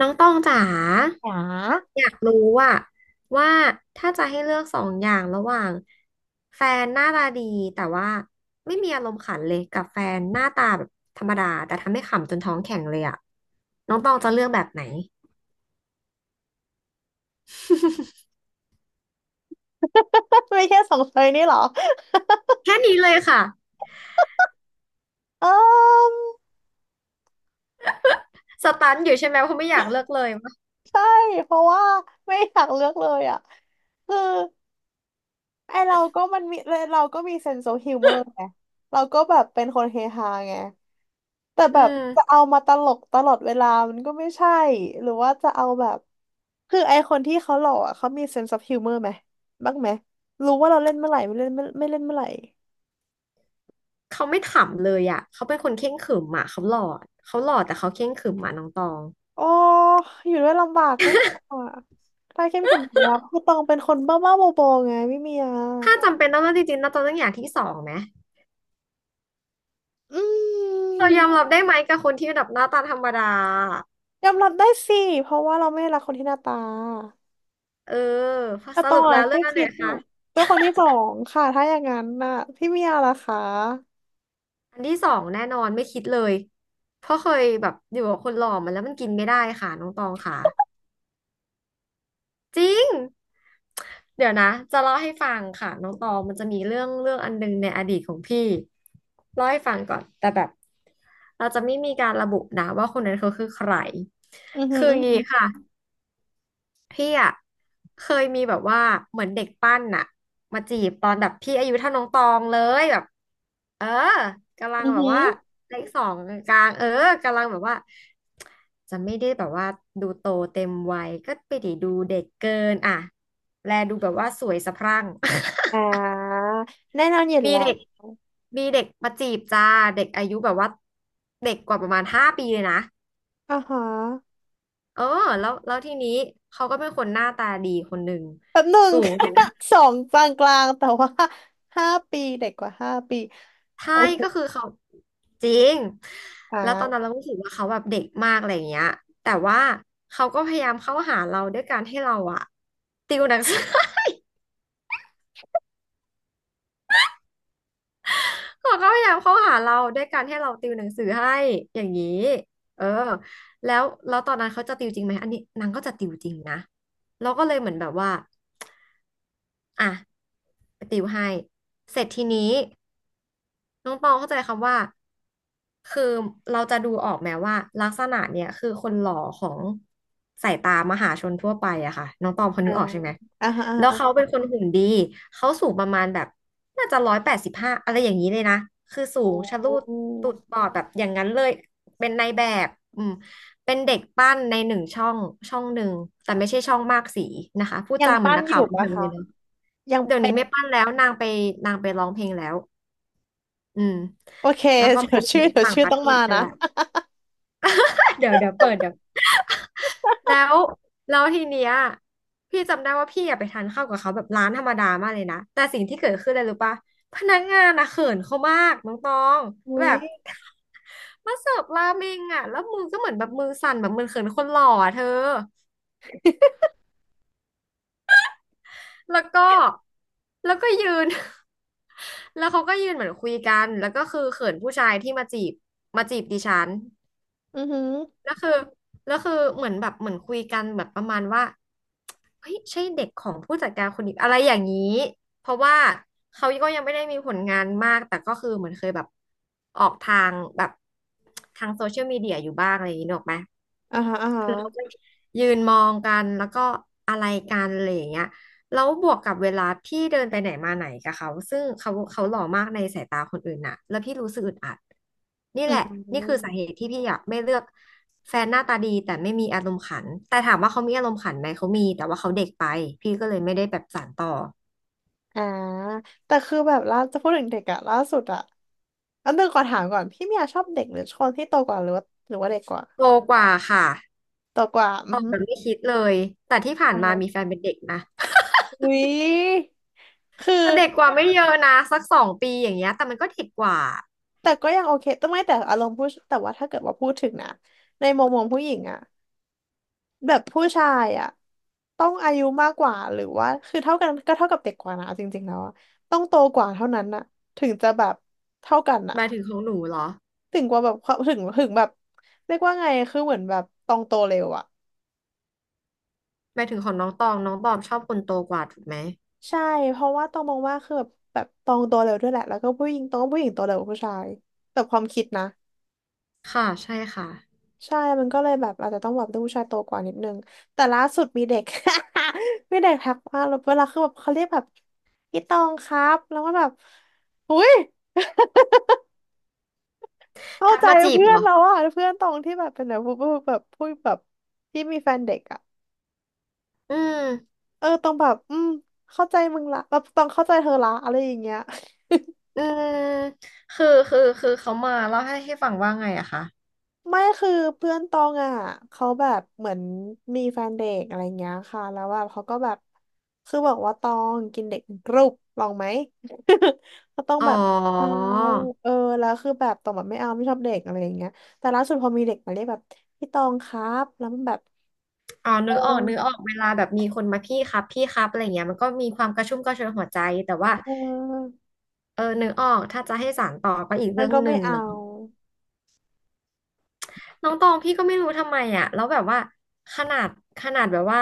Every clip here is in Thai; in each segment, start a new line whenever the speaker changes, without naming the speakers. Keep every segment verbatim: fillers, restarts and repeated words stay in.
น้องตองจ๋า
หยา
อยากรู้ว่าว่าถ้าจะให้เลือกสองอย่างระหว่างแฟนหน้าตาดีแต่ว่าไม่มีอารมณ์ขันเลยกับแฟนหน้าตาแบบธรรมดาแต่ทำให้ขำจนท้องแข็งเลยอะน้องตองจะเลือกแบบไหน
ไม่ใช่สองเซยนี่เหรอ
แค่นี้เลยค่ะ
เออ
สตันอยู่ใช่ไหมเพราะไม่อยากเลือกเลยวะ
ใช่เพราะว่าไม่อยากเลือกเลยอ่ะคือไอเราก็มันมีเราก็มีเซนส์ออฟฮิวเมอร์ไงเราก็แบบเป็นคนเฮฮาไงแต่แบ
อื
บ
ม
จะเอามาตลกตลอดเวลามันก็ไม่ใช่หรือว่าจะเอาแบบคือไอคนที่เขาหล่ออ่ะเขามีเซนส์ออฟฮิวเมอร์ไหมบ้างไหมรู้ว่าเราเล่นเมื่อไหร่ไม่เล่นไม่ไม่เล่นเมื่อไหร่
เขาไม่ขำเลยอะเขาเป็นคนเคร่งขรึมอะเขาหล่อเขาหล่อแต่เขาเคร่งขรึมอะน้องตอง
โอ้อยู่ด้วยลำบากไม่เอาอ่ะถ้าเข้มแข็งแล้วคือตองเป็นคนบ้าบ้าบอๆไงไม่มีอ่ะ
ถ้าจำเป็นต้องเลือกจริงๆน้องตองต้องอย่างที่สองไหม
อื
เรา
ม
ยอมรับได้ไหมกับคนที่แบบหน้าตาธรรมดา
ยอมรับได้สิ เพราะว่าเราไม่รักคนที่หน้าตา
เออ
แต่
ส
ตอ
รุ
ง
ปแล้
อ่ะ
วเรื่
แค่
องอันไหน
คิดอ
คะ
ยู่ก็คนที่สองค่ะถ้าอย่างนั้นน่ะพี่เมียล่ะคะ
อันที่สองแน่นอนไม่คิดเลยเพราะเคยแบบอยู่กับคนหล่อมาแล้วมันกินไม่ได้ค่ะน้องตองค่ะจริงเดี๋ยวนะจะเล่าให้ฟังค่ะน้องตองมันจะมีเรื่องเรื่องอันหนึงในอดีตของพี่เล่าให้ฟังก่อนแต่แบบเราจะไม่มีการระบุนะว่าคนนั้นเขาคือใคร
อือหือ
คืออ
อือ
ย่างนี้
หือ
ค่ะ พี่อะเคยมีแบบว่าเหมือนเด็กปั้นน่ะมาจีบตอนแบบพี่อายุเท่าน้องตองเลยแบบเออกำลั
อื
ง
อ
แบบ
หือ
ว่าเลขสองกลางๆเออกำลังแบบว่าจะไม่ได้แบบว่าดูโตเต็มวัยก็ไปดีดูเด็กเกินอ่ะแลดูแบบว่าสวยสะพรั่ง
อ่า แน่นอนอยู่
มี
แล้
เด็ก
ว
มีเด็กมาจีบจ้าเด็กอายุแบบว่าเด็กกว่าประมาณห้าปีเลยนะ
อ่าฮะ
เออแล้วแล้วทีนี้เขาก็เป็นคนหน้าตาดีคนหนึ่ง
แบบหนึ่ง
สูง
สองกลางกลางแต่ว่าห้าปีเด็กกว่าห้าปี
ใช่
โอเค
ก็คือเขาจริง
อ
แล้วตอนนั้น
่า
เราก็รู้สึกว่าเขาแบบเด็กมากอะไรอย่างเงี้ยแต่ว่าเขาก็พยายามเข้าหาเราด้วยการให้เราอะติวหนังสือ เขาก็พยายามเข้าหาเราด้วยการให้เราติวหนังสือให้อย่างนี้เออแล้วแล้วตอนนั้นเขาจะติวจริงไหมอันนี้นางก็จะติวจริงนะเราก็เลยเหมือนแบบว่าอ่ะไปติวให้เสร็จทีนี้ น้องตองเข้าใจคำว่าคือเราจะดูออกไหมว่าลักษณะเนี่ยคือคนหล่อของสายตามหาชนทั่วไปอะค่ะน้องตองพอ
อ่า
นึกออกใช่ไหม
อ่าฮะ
แล้วเขา
อ่า
เป็นคนหุ่นดีเขาสูงประมาณแบบน่าจะร้อยแปดสิบห้าอะไรอย่างนี้เลยนะคือสูงชะ
โอ
ลูดตุด
้
บอดแบบอย่างนั้นเลยเป็นนายแบบอืมเป็นเด็กปั้นในหนึ่งช่องช่องหนึ่งแต่ไม่ใช่ช่องมากสีนะคะพูด
ยัง
จาเหมือ
ปั้
น
น
นัก
อ
ข่าว
ยู่
บัน
ปะ
เทิงเล
คะ
ยเนาะ
ยัง
เดี๋ยว
เป็
นี้
น
ไม่ปั้นแล้วนางไปนางไปร้องเพลงแล้ว อืม
โอเค
แล้ วก็
เดี๋
ไป
ยว
เรีย
ชื่อ
น
เดี๋ยว
ต่าง
ชื่อ
ประ
ต้อ
เท
ง
ศ
มา
ไป
นะ
แล้ว เดี๋ยวเดี๋ยวเปิดเดี๋ยวแล้วแล้วทีเนี้ยพี่จำได้ว่าพี่อยากไปทานข้าวกับเขาแบบร้านธรรมดามากเลยนะแต่สิ่งที่เกิดขึ้นเลยรู้ปะพนักงานอะเขินเขามากน้องตอง
อุ้
แบ
ย
บ มาเสิร์ฟราเมงอะแล้วมือก็เหมือนแบบมือสั่นแบบมือเขินคนหล่ออะเธอแล้วก็แล้วก็ยืน แล้วเขาก็ยืนเหมือนคุยกันแล้วก็คือเขินผู้ชายที่มาจีบมาจีบดิฉัน
อือหือ
แล้วคือแล้วคือเหมือนแบบเหมือนคุยกันแบบประมาณว่าเฮ้ยใช่เด็กของผู้จัดการคนนี้อะไรอย่างนี้เพราะว่าเขาก็ยังไม่ได้มีผลงานมากแต่ก็คือเหมือนเคยแบบออกทางแบบทางโซเชียลมีเดียอยู่บ้างอะไรอย่างนี้นึกออกไหม
อ่าฮะอ่าฮะ
เราก็ยืนมองกันแล้วก็อะไรกันอะไรอย่างเงี้ยแล้วบวกกับเวลาพี่เดินไปไหนมาไหนกับเขาซึ่งเขาเขาหล่อมากในสายตาคนอื่นน่ะแล้วพี่รู้สึกอึดอัดนี่
อื
แหละนี่คือสา
ม
เหตุที่พี่อยากไม่เลือกแฟนหน้าตาดีแต่ไม่มีอารมณ์ขันแต่ถามว่าเขามีอารมณ์ขันไหมเขามีแต่ว่าเขาเด็กไปพี่ก็เลยไม่ได้แบบสานต่อ
อ่าแต่คือแบบล่าจะพูดถึงเด็กอะล่าสุดอะอันนึงก่อนถามก่อนพี่เมียชอบเด็กหรือคนที่โตกว่าหรือว่าหรือว่าเด็กกว่า
โตกว่าค่ะ
โตกว่าอื
ต
อ
อบ
หือ
แบบไม่คิดเลยแต่ที่ผ่าน
อ่า
มา
ฮะ
มีแฟนเป็นเด็กนะ
อุ้ยคือ
แต่เด็กกว่าไม่เยอะนะสักสองปีอย่างเงี้ยแต่มันก็เด็กกว่า
แต่ก็ยังโอเคแต่ไม่แต่อารมณ์ผู้แต่ว่าถ้าเกิดว่าพูดถึงนะในมุมมองผู้หญิงอะ แบบผู้ชายอ่ะต้องอายุมากกว่าหรือว่าคือเท่ากันก็เท่ากับเด็กกว่านะเอาจริงๆแล้วอะต้องโตกว่าเท่านั้นน่ะถึงจะแบบเท่ากัน
ห
น่ะ
มายถึงของหนูเหรอ
ถึงกว่าแบบเขาถึงถึงแบบเรียกว่าไงคือเหมือนแบบตองโตเร็วอ่ะ
ไปถึงของน้องตองน้องตองชอบคนโตกว่าถูกไหม
ใช่เพราะว่าตองมองว่าคือแบบแบบตองโตเร็วด้วยแหละแล้วก็ผู้หญิงตองว่าผู้หญิงโตเร็วกว่าผู้ชายแต่ความคิดนะ
ค่ะใช่ค่ะ
ใช่ มันก็เลยแบบอาจจะต้องแบบดูผู้ชายโตกว่านิดนึงแต่ล่าสุดมีเด็ก มีเด็กทักมาแล้วเวลาคือแบบเขาเรียกแบบพี่ตองครับ แล้วก็แบบอุ้ย เข้า
ทัก
ใจ
มาจีบ
เพื่อ
เหร
น
อ
เราอะเพื่อนตองที่แบบเป็นแบบพูดแบบพูดแบบที่มีแฟนเด็กอะ
อืม
เออตองแบบอืมเข้าใจมึงละแบบตองเข้าใจเธอละอะไรอย่างเงี้ย
อืมคือคือคือเขามาเล่าให้ให้ฟังว่าไงอะคะ
ไม่คือเพื่อนตองอ่ะเขาแบบเหมือนมีแฟนเด็กอะไรเงี้ยค่ะแล้วแบบเขาก็แบบคือบอกว่าตองกินเด็กเป็นกรุบลองไหม ก็ต้อง
อ๋อ
แบบเอาเออแล้วคือแบบตองแบบไม่เอาไม่ชอบเด็กอะไรอย่างเงี้ยแต่ล่าสุดพอมีเด็กมาเรียกแบบพี่ตองครับแล้วมันแบบ
อ๋อ
เอ
นึกออก
อ
นึกออกเวลาแบบมีคนมาพี่ครับพี่ครับอะไรเงี้ยมันก็มีความกระชุ่มกระชวยหัวใจแต่ว่า
เออ
เออนึกออกถ้าจะให้สานต่อก็อีก
มั
เรื่
น
อง
ก็
ห
ไม่
นึ่ง
เอา
เนาะ น้องตองพี่ก็ไม่รู้ทำไมอ่ะแล้วแบบว่าขนาดขนาดแบบว่า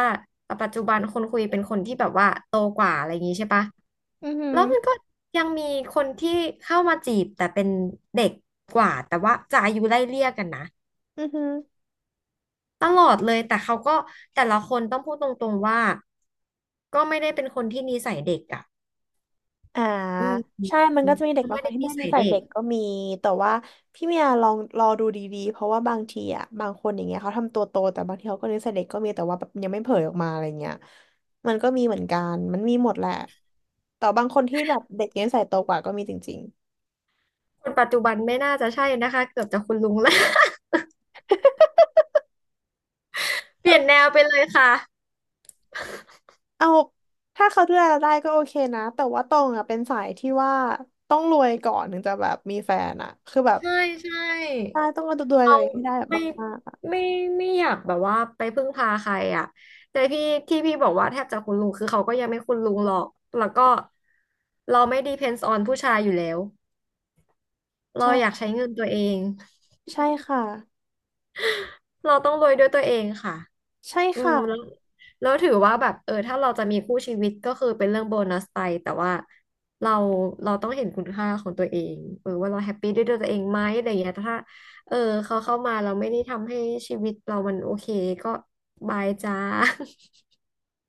ปัจจุบันคนคุยเป็นคนที่แบบว่าโตกว่าอะไรอย่างงี้ใช่ปะ
อือหื
แล้
อ
วมันก็ยังมีคนที่เข้ามาจีบแต่เป็นเด็กกว่าแต่ว่าจะอายุไล่เลี่ยกันนะ
อือหือ
ตลอดเลยแต่เขาก็แต่ละคนต้องพูดตรงๆว่าก็ไม่ได้เป็นคนที่นิสัยเด็กอ่ะ
อ่า
อื
ใช่
ม
มันก็จะมีเด็ก
เขา
บาง
ไม่
คน
ได้
ที่
นิ
ไม่ได้นิ
สัย
สัย
เด็
เด็
ก
กก็มีแต่ว่าพี่เมียลองรอดูดีๆเพราะว่าบางทีอ่ะบางคนอย่างเงี้ยเขาทำตัวโตแต่บางทีเขาก็นิสัยเด็กก็มีแต่ว่าแบบยังไม่เผยออกมาอะไรเงี้ยมันก็มีเหมือนกันมันมีหมดแหละแต่บางคนที่แบบเด็กนิสัยโตกว่าก็มีจริงๆ
คนปัจจุบันไม่น่าจะใช่นะคะเกือบจะคุณลุงแล้ว เปลี่ยนแนวไปเลยค่ะ
เอาถ้าเขาดูแลเราได้ก็โอเคนะแต่ว่าตรงอ่ะเป็นสายที่ว่าต้องรวยก่อนถึงจะแบบมีแฟนอ่ะคือแบบ
ใช่ใช่
ใช่ต้องดูแล
เรา
ตัวเองให้ได้แบ
ไม่
บมากๆอะ
ไม่ไม่อยากแบบว่าไปพึ่งพาใครอ่ะแต่พี่ที่พี่บอกว่าแทบจะคุณลุงคือเขาก็ยังไม่คุณลุงหรอกแล้วก็เราไม่ depends on ผู้ชายอยู่แล้วเราอยาก
ใช่
ใช้เงินตัวเอง
ใช่ค่ะ
เราต้องโวยด้วยตัวเองค่ะ
ใช่
อืม
ค่ะ
แล้วแล้วถือว่าแบบเออถ้าเราจะมีคู่ชีวิตก็คือเป็นเรื่องโบนัสไปแต่ว่าเราเราต้องเห็นคุณค่าของตัวเองเออว่าเราแฮปปี้ด้วยตัวเองไหมอะไรอย่างเงี้ยถ้าเออเขาเข้ามาเราไม่ได้ทำให้ชีวิตเรามันโอเคก็บายจ้า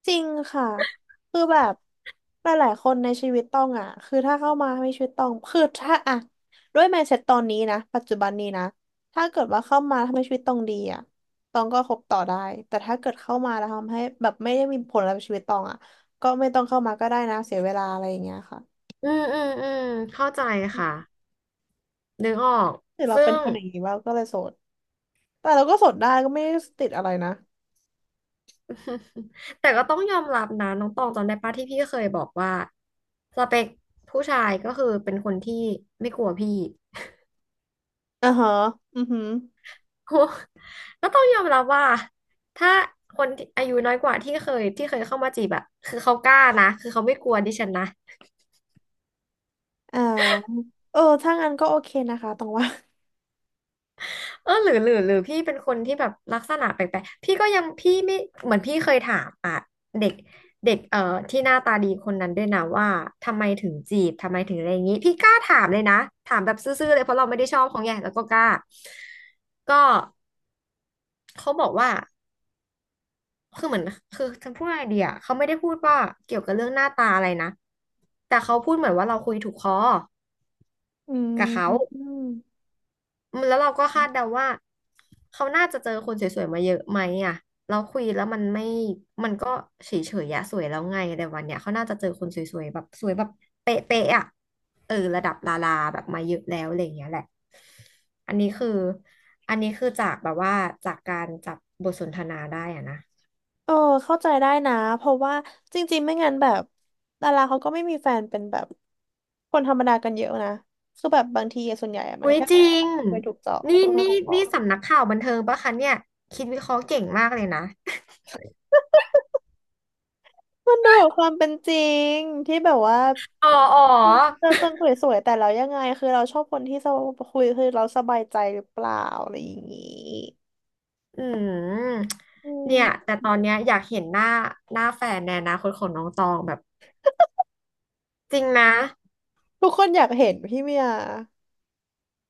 จริงค่ะคือแบบหลายๆคนในชีวิตตองอ่ะคือถ้าเข้ามาในชีวิตตองคือถ้าอ่ะด้วย mindset ตอนนี้นะปัจจุบันนี้นะถ้าเกิดว่าเข้ามาทำให้ชีวิตตองดีอ่ะตองก็คบต่อได้แต่ถ้าเกิดเข้ามาแล้วทำให้แบบไม่ได้มีผลอะไรกับชีวิตตองอ่ะก็ไม่ต้องเข้ามาก็ได้นะเสียเวลาอะไรอย่างเงี้ยค่ะ
อืมอืมอืมเข้าใจค่ะ นึกออก
หรือเรา
ซึ่
เป็น
ง
คนอย่างนี้ว่าก็เลยโสดแต่เราก็โสดได้ก็ไม่ได้ติดอะไรนะ
แต่ก็ต้องยอมรับนะน้องตองจำได้ปะที่พี่เคยบอกว่าสเปคผู้ชายก็คือเป็นคนที่ไม่กลัวพี่
อ่าฮะอือหือ
โอ้ก็ต้องยอมรับว่าถ้าคนที่อายุน้อยกว่าที่เคยที่เคยเข้ามาจีบอะคือเขากล้านะคือเขาไม่กลัวดิฉันนะ
อ่าเออถ้างั้นก็โอเคนะคะตองว่า
เออหรือหรือหรือพี่เป็นคนที่แบบลักษณะแปลกๆพี่ก็ยังพี่ไม่เหมือนพี่เคยถามอ่ะเด็กเด็กเอ่อที่หน้าตาดีคนนั้นด้วยนะว่าทำไมถึงจีบทำไมถึงอะไรอย่างนี้พี่กล้าถามเลยนะถามแบบซื่อๆเลยเพราะเราไม่ได้ชอบเขาไงแล้วก็กล้าก็เขาบอกว่าคือเหมือนคือจะพูดไอเดียเขาไม่ได้พูดว่าเกี่ยวกับเรื่องหน้าตาอะไรนะแต่เขาพูดเหมือนว่าเราคุยถูกคอ
อื
กับเขา
ม
แล้วเราก็คาดเดาว่าเขาน่าจะเจอคนสวยๆมาเยอะไหมอ่ะเราคุยแล้วมันไม่มันก็เฉยๆอะสวยแล้วไงแต่วันเนี้ยเขาน่าจะเจอคนสวยๆแบบสวยแบบเป๊ะๆอ่ะเออระดับดาราแบบมาเยอะแล้วอะไรอย่างเงี้ยแหละอันนี้คืออันนี้คือจากแบบว่าจากการจับบทสนทนาได้อ่ะนะ
เออเข้าใจได้นะเพราะว่าจริงๆไม่งั้นแบบดาราเขาก็ไม่มีแฟนเป็นแบบคนธรรมดากันเยอะนะคือแบบบางทีอะส่วนใหญ่อะมั
อุ้
น
ย
แค่
จริง
ไปถูกเจาะ
นี่
คนไป
นี่
ขอขอ
นี่สำนักข่าวบันเทิงปะคะเนี่ยคิดวิเคราะห์เก่งมากเลยนะ
มันดูแบบความเป็นจริงที่แบบว่า
อ๋ออ๋อ
เราคนคุยสวยๆแต่เรายังไงคือเราชอบคนที่สบคุยคือเราสบายใจหรือเปล่าอะไรอย่างนี้
อืม
อื
เนี่ย
ม
แต่ตอนเนี้ยอยากเห็นหน้าหน้าแฟนในอนาคตของน้องตองแบบจริงนะ
ทุกคนอยากเห็นพี่เมีย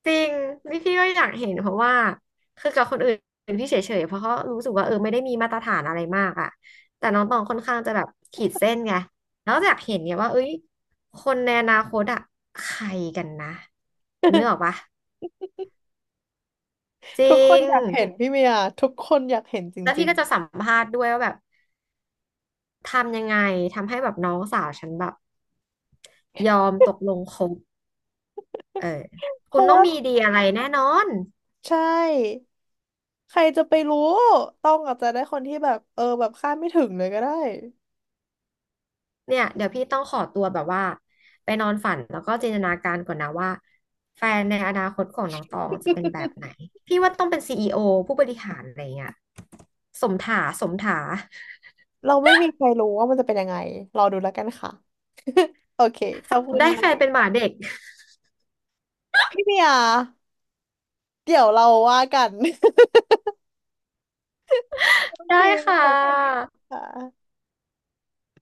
จริงนี่พี่ก็อยากเห็นเพราะว่าคือกับคนอื่นพี่เฉยๆเพราะเขารู้สึกว่าเออไม่ได้มีมาตรฐานอะไรมากอะแต่น้องตองค่อนข้างจะแบบขีดเส้นไงแล้วอยากเห็นเนี่ยว่าเอ้ยคนในอนาคตอะใครกันนะเนื้อออกปะ จริ
ทุกคน
ง
อยากเห็นพี่เมียทุกคนอยากเห็นจ
แล้ว
ริ
พี่
ง
ก็จะสัมภาษณ์ด้วยว่าแบบทำยังไงทำให้แบบน้องสาวฉันแบบยอมตกลงคบ เออ
ๆเพ
คุณ
ราะ
ต้อง
ว่า
มีดีอะไรแน่นอน
ใช่ใครจะไปรู้ต้องอาจจะได้คนที่แบบเออแบบคาดไม่ถึงเลยก็ได้
เนี่ยเดี๋ยวพี่ต้องขอตัวแบบว่าไปนอนฝันแล้วก็จินตนาการก่อนนะว่าแฟนในอนาคตของน้องตองจะเป็นแบบไหน พี่ว่าต้องเป็นซีอีโอผู้บริหารอะไรเงี้ยสมถาสมถา
เราไม่มีใครรู้ว่ามันจะเป็นยังไงรอดูแล้วกันค่ะโอเคข
ส
อบ
รุป
คุณ
ได้
นะ
แฟนเป็นหมาเด็ก
พี่เมียเดี๋ยวเราว่ากัน โอ เค
ได้ค่
ขอบคุณ
ะ
ค่ะ